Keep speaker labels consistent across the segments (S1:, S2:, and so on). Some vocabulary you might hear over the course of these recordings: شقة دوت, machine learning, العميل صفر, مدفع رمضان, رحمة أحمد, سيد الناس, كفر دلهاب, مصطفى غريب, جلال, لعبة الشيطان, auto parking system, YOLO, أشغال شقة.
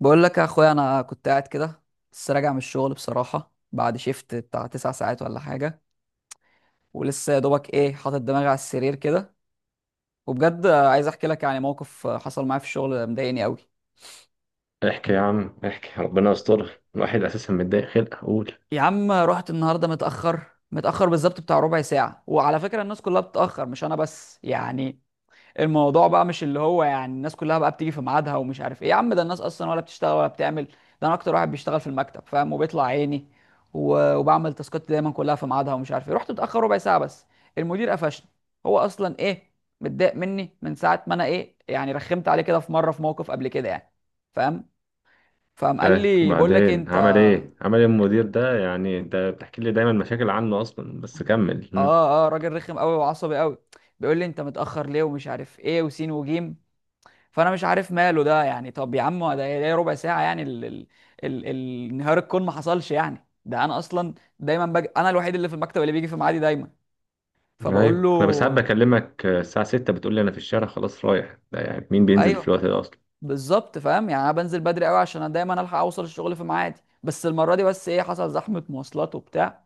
S1: بقول لك يا اخويا انا كنت قاعد كده. لسه راجع من الشغل بصراحه بعد شيفت بتاع تسع ساعات ولا حاجه. ولسه يا دوبك ايه حاطط دماغي على السرير كده. وبجد عايز احكي لك، يعني موقف حصل معايا في الشغل مضايقني قوي.
S2: احكي يا عم احكي، ربنا يستر. الواحد اساسا متضايق خلق اقول.
S1: يا عم رحت النهارده متاخر، متاخر بالظبط بتاع ربع ساعه، وعلى فكره الناس كلها بتتاخر مش انا بس يعني. الموضوع بقى مش اللي هو يعني الناس كلها بقى بتيجي في ميعادها ومش عارف ايه، يا عم ده الناس اصلا ولا بتشتغل ولا بتعمل. ده انا اكتر واحد بيشتغل في المكتب، فاهم، وبيطلع عيني و- وبعمل تاسكات دايما كلها في ميعادها ومش عارف ايه. رحت متاخر ربع ساعه بس، المدير قفشني. هو اصلا ايه، متضايق مني من ساعه ما انا ايه يعني، رخمت عليه كده في مره في موقف قبل كده يعني، فاهم. فقام قال لي بقول لك إيه،
S2: وبعدين
S1: انت.
S2: عمل ايه المدير ده؟ يعني ده بتحكي لي دايما مشاكل عنه اصلا، بس كمل.
S1: اه اه، راجل رخم قوي وعصبي قوي. بيقول لي انت متاخر ليه ومش عارف ايه وسين وجيم. فانا مش عارف ماله ده يعني. طب يا عم ده إيه؟ ده ربع ساعه يعني. انهيار الكون ما حصلش يعني. ده انا اصلا دايما انا الوحيد اللي في المكتب اللي بيجي في ميعادي دايما. فبقول
S2: ايوه انا بس حابب
S1: له
S2: اكلمك، الساعه 6 بتقول لي انا في الشارع خلاص رايح، ده يعني مين بينزل في
S1: ايوه
S2: الوقت ده اصلا؟
S1: بالظبط، فاهم يعني انا بنزل بدري قوي عشان أنا دايما الحق اوصل الشغل في ميعادي، بس المره دي بس ايه، حصل زحمه مواصلات وبتاع،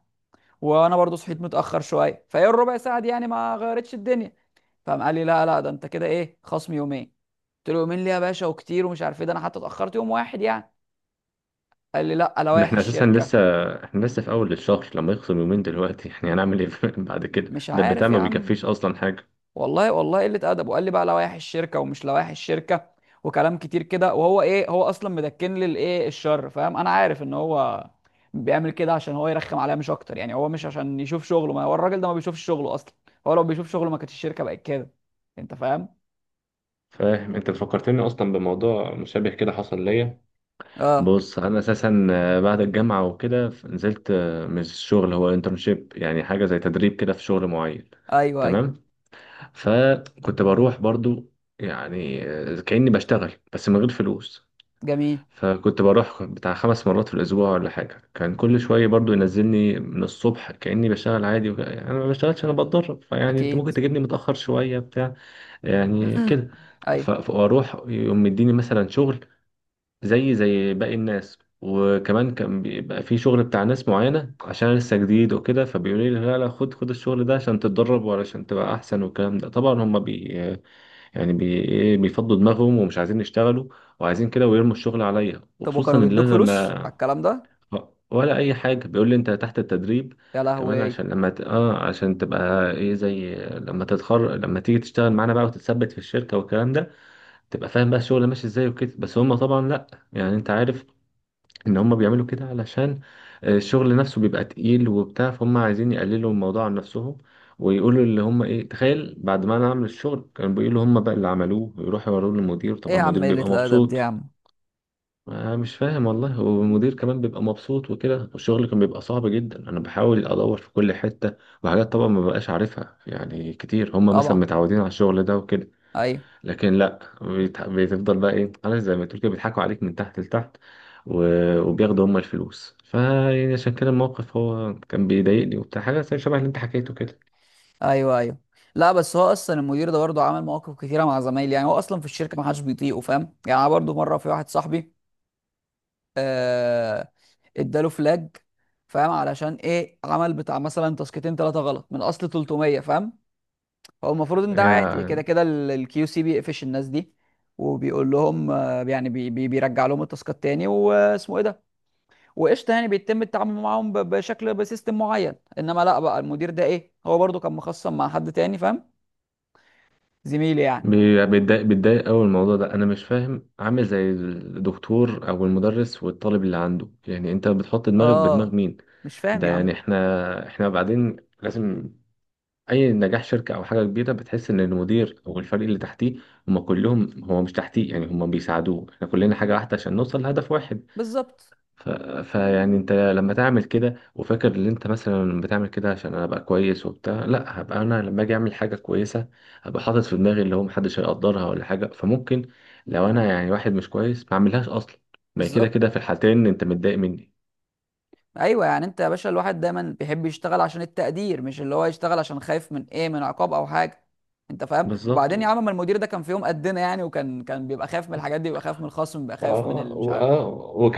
S1: وانا برضو صحيت متاخر شويه، فايه الربع ساعه دي يعني ما غيرتش الدنيا. فقام قال لي لا لا، ده انت كده ايه، خصم يومين. قلت له يومين ليه يا باشا وكتير ومش عارف ايه، ده انا حتى اتاخرت يوم واحد يعني. قال لي لا،
S2: ده
S1: لوائح
S2: احنا اساسا
S1: الشركه.
S2: لسه، احنا لسه في اول الشهر، لما يخصم يومين دلوقتي احنا يعني هنعمل ايه؟ بعد كده
S1: مش
S2: ده البتاع
S1: عارف يا
S2: ما
S1: عم،
S2: بيكفيش اصلا حاجه.
S1: والله والله قلة أدب. وقال لي بقى لوائح الشركة ومش لوائح الشركة وكلام كتير كده. وهو إيه، هو أصلا مدكن لي الإيه، الشر، فاهم. أنا عارف إن هو بيعمل كده عشان هو يرخم عليا مش أكتر يعني، هو مش عشان يشوف شغله، ما هو الراجل ده ما بيشوفش شغله أصلا. هو لو بيشوف شغله ما كانتش الشركة بقت كده. أنت فاهم؟
S2: فاهم؟ انت فكرتني اصلا بموضوع مشابه كده حصل ليا.
S1: أه.
S2: بص انا اساسا، بعد الجامعه وكده نزلت، مش شغل، هو انترنشيب، يعني حاجه زي تدريب كده في شغل معين.
S1: أيوه أيوه.
S2: تمام. فكنت بروح برضو يعني، كاني بشتغل بس من غير فلوس.
S1: جميل.
S2: فكنت بروح بتاع خمس مرات في الاسبوع ولا حاجه، كان كل شويه برضو ينزلني من الصبح كاني بشتغل عادي، يعني انا ما بشتغلش، انا بتدرب، فيعني انت ممكن
S1: أكيد.
S2: تجيبني متاخر شويه بتاع، يعني كده.
S1: أيوه.
S2: فاروح يقوم مديني مثلا شغل زي باقي الناس، وكمان كان بيبقى في شغل بتاع ناس معينة عشان أنا لسه جديد وكده، فبيقولوا لي لا لا خد خد الشغل ده عشان تتدرب وعشان تبقى أحسن، والكلام ده طبعا هما بي يعني بي إيه بيفضوا دماغهم ومش عايزين يشتغلوا، وعايزين كده ويرموا الشغل عليا،
S1: طب
S2: وخصوصا
S1: وكانوا
S2: إن
S1: بيدوك
S2: أنا
S1: فلوس على
S2: لما،
S1: الكلام ده؟
S2: ولا أي حاجة. بيقول لي أنت تحت التدريب
S1: يا لهوي
S2: كمان
S1: إيه.
S2: عشان لما ت... اه عشان تبقى ايه زي لما تتخرج، لما تيجي تشتغل معانا بقى وتتثبت في الشركه والكلام ده، تبقى فاهم بقى الشغل ماشي ازاي وكده. بس هم طبعا لا، يعني انت عارف ان هم بيعملوا كده علشان، الشغل نفسه بيبقى تقيل وبتاع، فهم عايزين يقللوا الموضوع عن نفسهم، ويقولوا اللي هم ايه، تخيل بعد ما انا اعمل الشغل كانوا بيقولوا هم بقى اللي عملوه، ويروحوا يوروه للمدير،
S1: يا
S2: طبعا المدير
S1: عم قلة
S2: بيبقى
S1: الأدب دي يا
S2: مبسوط.
S1: عم.
S2: أنا مش فاهم والله. والمدير كمان بيبقى مبسوط وكده. والشغل كان بيبقى صعب جدا، انا بحاول ادور في كل حتة، وحاجات طبعا ما بقاش عارفها، يعني كتير هم مثلا
S1: طبعا.
S2: متعودين على الشغل ده وكده.
S1: أيوه.
S2: لكن لا، بتفضل بقى ايه عارف، زي ما تقول كده بيضحكوا عليك من تحت لتحت، وبياخدوا هم الفلوس، فيعني عشان كده الموقف هو كان بيضايقني وبتاع، حاجه زي شبه اللي انت حكيته كده.
S1: ايوه ايوه. لا بس هو اصلا المدير ده برضه عمل مواقف كتيره مع زمايلي يعني. هو اصلا في الشركه ما حدش بيطيقه، فاهم يعني. انا برضه مره في واحد صاحبي. آه. اداله فلاج، فاهم، علشان ايه، عمل بتاع مثلا تاسكتين ثلاثه غلط من اصل 300، فاهم. هو المفروض ان ده عادي كده
S2: يعني
S1: كده، الكيو سي بيقفش الناس دي وبيقول لهم آه، يعني بي بي بيرجع لهم التاسكات تاني واسمه ايه ده، وقشطه، يعني بيتم التعامل معاهم بشكل بسيستم معين. انما لا، بقى المدير ده ايه، هو برضه كان مخصم مع حد تاني، فاهم، زميلي يعني.
S2: بيتضايق قوي الموضوع ده، انا مش فاهم، عامل زي الدكتور او المدرس والطالب اللي عنده، يعني انت بتحط دماغك بدماغ
S1: اه.
S2: مين؟
S1: مش فاهم
S2: ده
S1: يا عم.
S2: يعني احنا بعدين لازم اي نجاح شركه او حاجه كبيره بتحس ان المدير او الفريق اللي تحتيه هم كلهم، هو مش تحتيه، يعني هم بيساعدوه، احنا كلنا حاجه واحده عشان نوصل لهدف واحد.
S1: بالظبط
S2: ف... فيعني انت لما تعمل كده وفاكر ان انت مثلا بتعمل كده عشان انا ابقى كويس وبتاع، لا، هبقى انا لما اجي اعمل حاجه كويسه هبقى حاطط في دماغي اللي هو محدش هيقدرها ولا حاجه، فممكن لو انا يعني واحد مش كويس ما اعملهاش اصلا. ما هي كده
S1: بالظبط.
S2: كده في الحالتين انت متضايق مني.
S1: ايوه، يعني انت يا باشا الواحد دايما بيحب يشتغل عشان التقدير، مش اللي هو يشتغل عشان خايف من ايه، من عقاب او حاجه. انت فاهم.
S2: بالظبط.
S1: وبعدين يا عم، ما المدير ده كان في يوم قدنا يعني، وكان كان بيبقى خايف من الحاجات دي، بيبقى خايف من الخصم، بيبقى خايف من
S2: اه
S1: مش عارف،
S2: واه.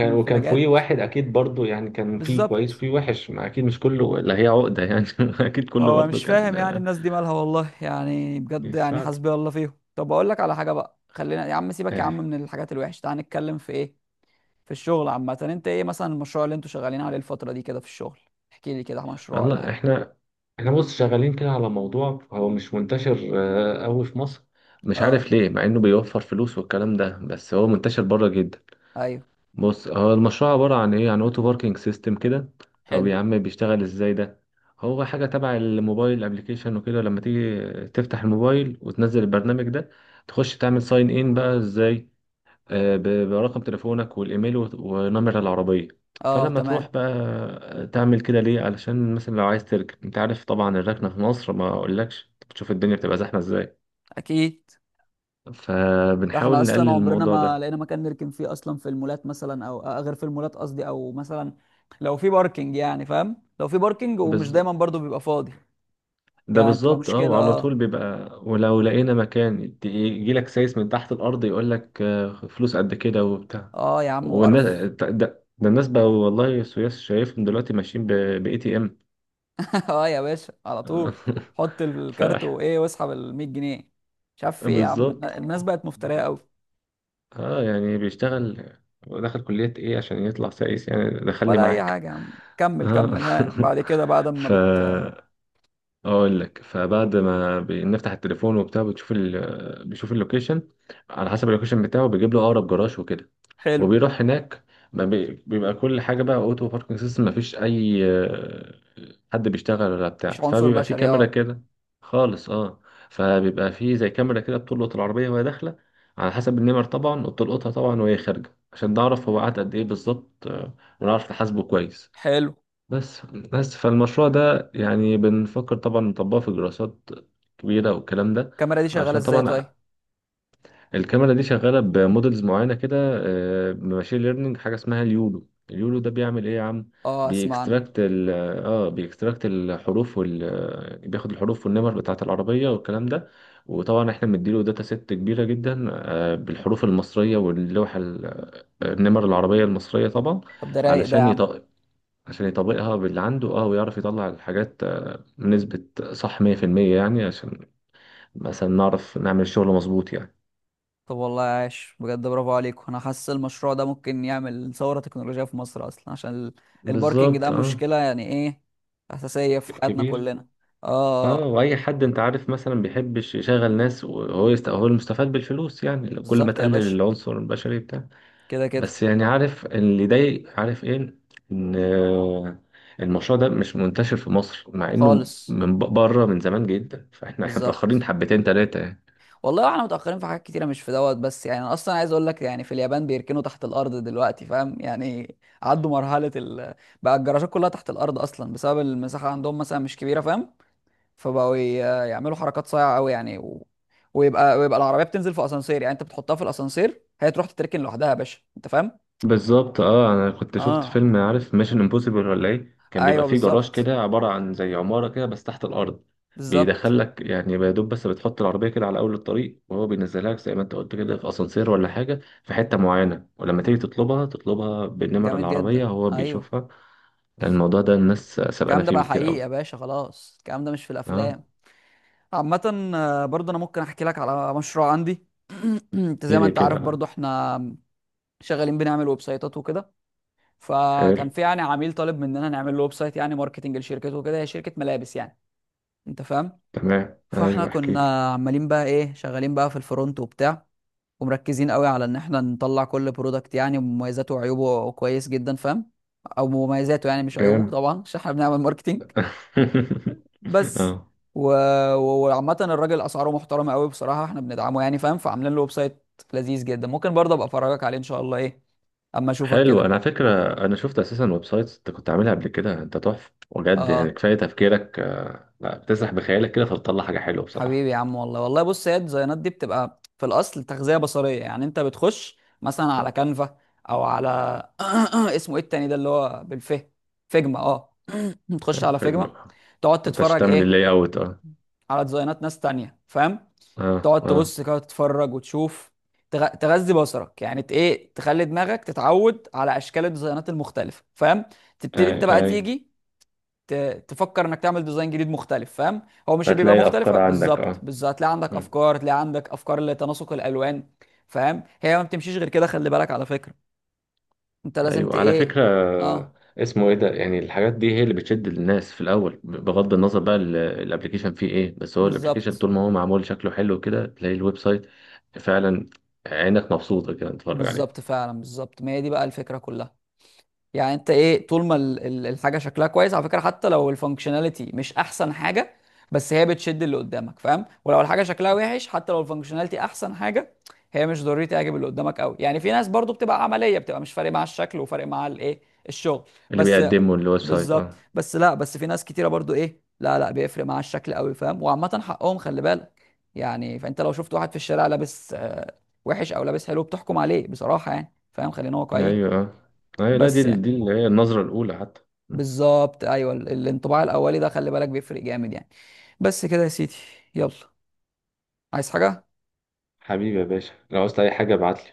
S1: من
S2: وكان
S1: الفلاجات.
S2: في واحد اكيد برضو، يعني كان في كويس
S1: بالظبط.
S2: وفي وحش، ما اكيد مش كله اللي هي عقدة يعني اكيد كله
S1: فهو
S2: برضو
S1: مش
S2: كان،
S1: فاهم يعني الناس دي مالها، والله يعني بجد يعني
S2: بيساعد.
S1: حسبي الله فيهم. طب اقول لك على حاجه بقى، خلينا يا عم، سيبك يا
S2: آه.
S1: عم من الحاجات الوحشه، تعال نتكلم في ايه، في الشغل عامة. انت ايه مثلا المشروع اللي انتوا شغالين عليه الفترة دي كده في الشغل؟ احكي لي كده مشروع ولا
S2: والله
S1: حاجة.
S2: احنا، بص شغالين كده على موضوع هو مش منتشر قوي في مصر، مش
S1: اه.
S2: عارف ليه مع انه بيوفر فلوس والكلام ده، بس هو منتشر بره جدا.
S1: ايوه.
S2: بص هو المشروع عبارة عن ايه؟ عن اوتو باركينج سيستم كده. طب
S1: حلو.
S2: يا عم بيشتغل ازاي ده؟ هو حاجة تبع الموبايل ابلكيشن وكده، لما تيجي تفتح الموبايل وتنزل البرنامج ده، تخش تعمل ساين ان بقى ازاي، آه، ب- برقم تليفونك والايميل ونمر العربية.
S1: اه.
S2: فلما
S1: تمام.
S2: تروح بقى، تعمل كده ليه؟ علشان مثلا لو عايز تركب انت عارف طبعا الركنة في مصر ما اقولكش، بتشوف الدنيا بتبقى زحمة ازاي.
S1: اكيد. ده احنا
S2: فبنحاول نقلل
S1: اصلا عمرنا ما
S2: الموضوع
S1: لقينا مكان نركن فيه اصلا، في المولات مثلا، او غير في المولات قصدي، او مثلا لو في باركينج، يعني فاهم، لو في باركينج ومش
S2: ده.
S1: دايما برضو بيبقى فاضي.
S2: ده
S1: يعني بتبقى
S2: بالظبط اه.
S1: مشكلة،
S2: وعلى
S1: اه.
S2: طول بيبقى، ولو لقينا مكان يجي لك سايس من تحت الارض يقول لك، فلوس قد كده وبتاع.
S1: اه يا عم
S2: والناس
S1: وقرف.
S2: ده الناس بقى والله، سويس شايفهم دلوقتي ماشيين ب اي تي ام
S1: اه يا باشا على طول، حط
S2: ف
S1: الكارت وايه، واسحب ال 100 جنيه. مش عارف في ايه يا عم.
S2: بالظبط.
S1: الناس بقت مفترية قوي.
S2: اه يعني بيشتغل ودخل كلية ايه عشان يطلع سايس، يعني دخلني
S1: ولا اي
S2: معاك.
S1: حاجه يا عم. كمل
S2: اه
S1: كمل، ها، بعد كده بعد ما
S2: ف اقول لك، فبعد ما بنفتح التليفون وبتاع، بتشوف بيشوف اللوكيشن، على حسب اللوكيشن بتاعه بيجيب له اقرب جراج وكده،
S1: حلو.
S2: وبيروح هناك. ما بي... بيبقى كل حاجه بقى اوتو باركنج سيستم، ما فيش اي حد بيشتغل ولا بتاع،
S1: مفيش عنصر
S2: فبيبقى في
S1: بشري،
S2: كاميرا
S1: اه.
S2: كده. خالص اه. فبيبقى في زي كاميرا كده بتلقط العربيه وهي داخله على حسب النمر طبعا، وبتلقطها طبعا وهي خارجه عشان نعرف هو قعد قد ايه بالظبط، ونعرف نحاسبه كويس.
S1: حلو.
S2: بس بس فالمشروع ده يعني بنفكر طبعا نطبقه في دراسات كبيرة والكلام ده،
S1: الكاميرا دي شغاله
S2: عشان
S1: ازاي
S2: طبعا
S1: طيب؟
S2: الكاميرا دي شغالة بمودلز معينة كده، ماشين ليرنينج، حاجة اسمها اليولو. اليولو ده بيعمل ايه يا عم؟
S1: اه اسمع عنه.
S2: بيكستراكت ال اه بيكستراكت الحروف وال آه، بياخد الحروف والنمر بتاعة العربية والكلام ده، وطبعا احنا مديله داتا ست كبيرة جدا، بالحروف المصرية واللوحة ال- آه، النمر العربية المصرية طبعا،
S1: طب ده رايق ده يا
S2: علشان
S1: عم.
S2: عشان يطبقها باللي عنده، اه ويعرف يطلع الحاجات، نسبة صح 100% يعني، عشان مثلا نعرف نعمل الشغل مظبوط يعني.
S1: طب والله عاش، بجد برافو عليكم، انا حاسس المشروع ده ممكن يعمل ثوره تكنولوجيه في مصر اصلا عشان الباركينج
S2: بالظبط
S1: ده
S2: اه.
S1: مشكله يعني ايه، اساسيه في حياتنا
S2: كبير.
S1: كلنا.
S2: اه
S1: اه.
S2: واي حد انت عارف مثلا بيحبش يشغل ناس وهو هو المستفاد بالفلوس، يعني لو كل ما
S1: بالظبط يا
S2: تقلل
S1: باشا،
S2: العنصر البشري بتاع.
S1: كده كده.
S2: بس يعني عارف اللي يضايق عارف ايه، ان المشروع ده مش منتشر في مصر مع انه
S1: خالص.
S2: من بره من زمان جدا، فاحنا متأخرين
S1: بالظبط.
S2: حبتين تلاتة يعني.
S1: والله احنا متأخرين في حاجات كتيرة مش في دوت بس يعني. انا اصلا عايز اقول لك يعني، في اليابان بيركنوا تحت الارض دلوقتي، فاهم يعني، عدوا مرحلة بقى الجراجات كلها تحت الارض اصلا بسبب المساحة عندهم مثلا مش كبيرة، فاهم. فبقوا ي- يعملوا حركات صايعة قوي يعني، و... ويبقى ويبقى العربية بتنزل في اسانسير، يعني انت بتحطها في الاسانسير هي تروح تتركن لوحدها يا باشا، انت فاهم.
S2: بالظبط اه. انا كنت شفت
S1: اه.
S2: فيلم عارف ميشن امبوسيبل ولا ايه، كان بيبقى
S1: ايوه
S2: فيه جراج
S1: بالظبط
S2: كده عباره عن زي عماره كده بس تحت الارض،
S1: بالظبط.
S2: بيدخل لك يعني يا دوب، بس بتحط العربيه كده على اول الطريق وهو بينزلها لك زي ما انت قلت كده في اسانسير ولا حاجه في حته معينه، ولما تيجي تطلبها تطلبها بالنمر
S1: جامد
S2: العربيه
S1: جدا.
S2: هو
S1: ايوه
S2: بيشوفها. لأن الموضوع ده الناس سابقانا
S1: الكلام ده
S2: فيه
S1: بقى
S2: بكتير
S1: حقيقي يا
S2: قوي.
S1: باشا، خلاص الكلام ده مش في
S2: اه.
S1: الافلام. عامة برضه انا ممكن احكي لك على مشروع عندي. انت
S2: ايه
S1: زي ما
S2: ليه
S1: انت عارف
S2: كده؟
S1: برضه احنا شغالين بنعمل ويب سايتات وكده.
S2: حلو
S1: فكان في يعني عميل طالب مننا نعمل له ويب سايت يعني ماركتنج لشركته وكده، هي شركة ملابس يعني، انت فاهم.
S2: تمام،
S1: فاحنا
S2: ايوه احكي لي.
S1: كنا عمالين بقى ايه، شغالين بقى في الفرونت وبتاع، ومركزين قوي على ان احنا نطلع كل برودكت يعني مميزاته وعيوبه كويس جدا، فاهم، او مميزاته يعني مش عيوبه
S2: جامد
S1: طبعا عشان احنا بنعمل ماركتنج بس.
S2: اه.
S1: و... و- وعامة الراجل اسعاره محترمة قوي بصراحة، احنا بندعمه يعني، فاهم، فعاملين له ويب سايت لذيذ جدا. ممكن برضه ابقى افرجك عليه ان شاء الله ايه، اما اشوفك
S2: حلو
S1: كده.
S2: انا على فكره، انا شفت اساسا ويب سايتس انت كنت عاملها قبل كده، انت تحفه بجد. يعني
S1: اه
S2: كفايه تفكيرك، لا بتسرح بخيالك كده فبتطلع حاجه حلوه بصراحه.
S1: حبيبي يا عم، والله والله بص، هي الديزاينات دي بتبقى في الاصل تغذية بصرية، يعني انت بتخش مثلا على كانفا او على اسمه ايه التاني ده اللي هو بالف، فيجما، اه. تخش
S2: حلو
S1: على
S2: حلو. ما
S1: فيجما، تقعد
S2: انتش
S1: تتفرج
S2: تعمل
S1: ايه،
S2: اللاي اوت اه.
S1: على ديزاينات ناس تانية، فاهم.
S2: اه
S1: تقعد
S2: اه.
S1: تبص كده تتفرج وتشوف، تغذي بصرك يعني، ايه، تخلي دماغك تتعود على اشكال الديزاينات المختلفه، فاهم.
S2: اي
S1: تبتدي انت بقى
S2: اي
S1: تيجي ت... تفكر انك تعمل ديزاين جديد مختلف، فاهم. هو مش بيبقى
S2: هتلاقي الافكار
S1: مختلفه
S2: عندك
S1: بالظبط
S2: اه.
S1: بالظبط، هتلاقي عندك
S2: مم.
S1: افكار، هتلاقي عندك افكار لتناسق الالوان، فاهم. هي ما بتمشيش غير كده، خلي بالك على فكره، انت لازم ت
S2: ايوه على
S1: ايه.
S2: فكره،
S1: اه.
S2: اسمه ايه ده يعني؟ الحاجات دي هي اللي بتشد الناس في الاول، بغض النظر بقى الابليكيشن فيه ايه، بس هو الابليكيشن
S1: بالظبط.
S2: طول ما هو معمول شكله حلو كده تلاقي الويب سايت فعلا عينك مبسوطه كده تتفرج عليه.
S1: بالظبط فعلا بالظبط، ما هي دي بقى الفكره كلها. يعني انت ايه، طول ما الحاجه شكلها كويس على فكره، حتى لو الفانكشناليتي مش احسن حاجه، بس هي بتشد اللي قدامك، فاهم. ولو الحاجه شكلها وحش حتى لو الفانكشناليتي احسن حاجه، هي مش ضروري تعجب اللي قدامك قوي يعني. في ناس برضو بتبقى عمليه، بتبقى مش فارق مع الشكل، وفارق مع الايه، الشغل
S2: اللي
S1: بس.
S2: بيقدمه الويب سايت
S1: بالظبط
S2: اه.
S1: بس. لا بس في ناس كتيره برضو ايه، لا لا بيفرق مع الشكل قوي، فاهم، وعامه حقهم خلي بالك يعني. فانت لو شفت واحد في الشارع لابس وحش او لابس حلو بتحكم عليه بصراحه يعني، فاهم، خلينا واقعيين.
S2: ايوه اه ايوه لا، دي
S1: بس يعني
S2: دي اللي هي النظرة الأولى حتى.
S1: بالظبط ايوه، الانطباع الاولي ده خلي بالك بيفرق جامد يعني. بس كده يا سيدي. يلا، عايز حاجه؟
S2: حبيبي يا باشا لو عاوزت أي حاجة ابعتلي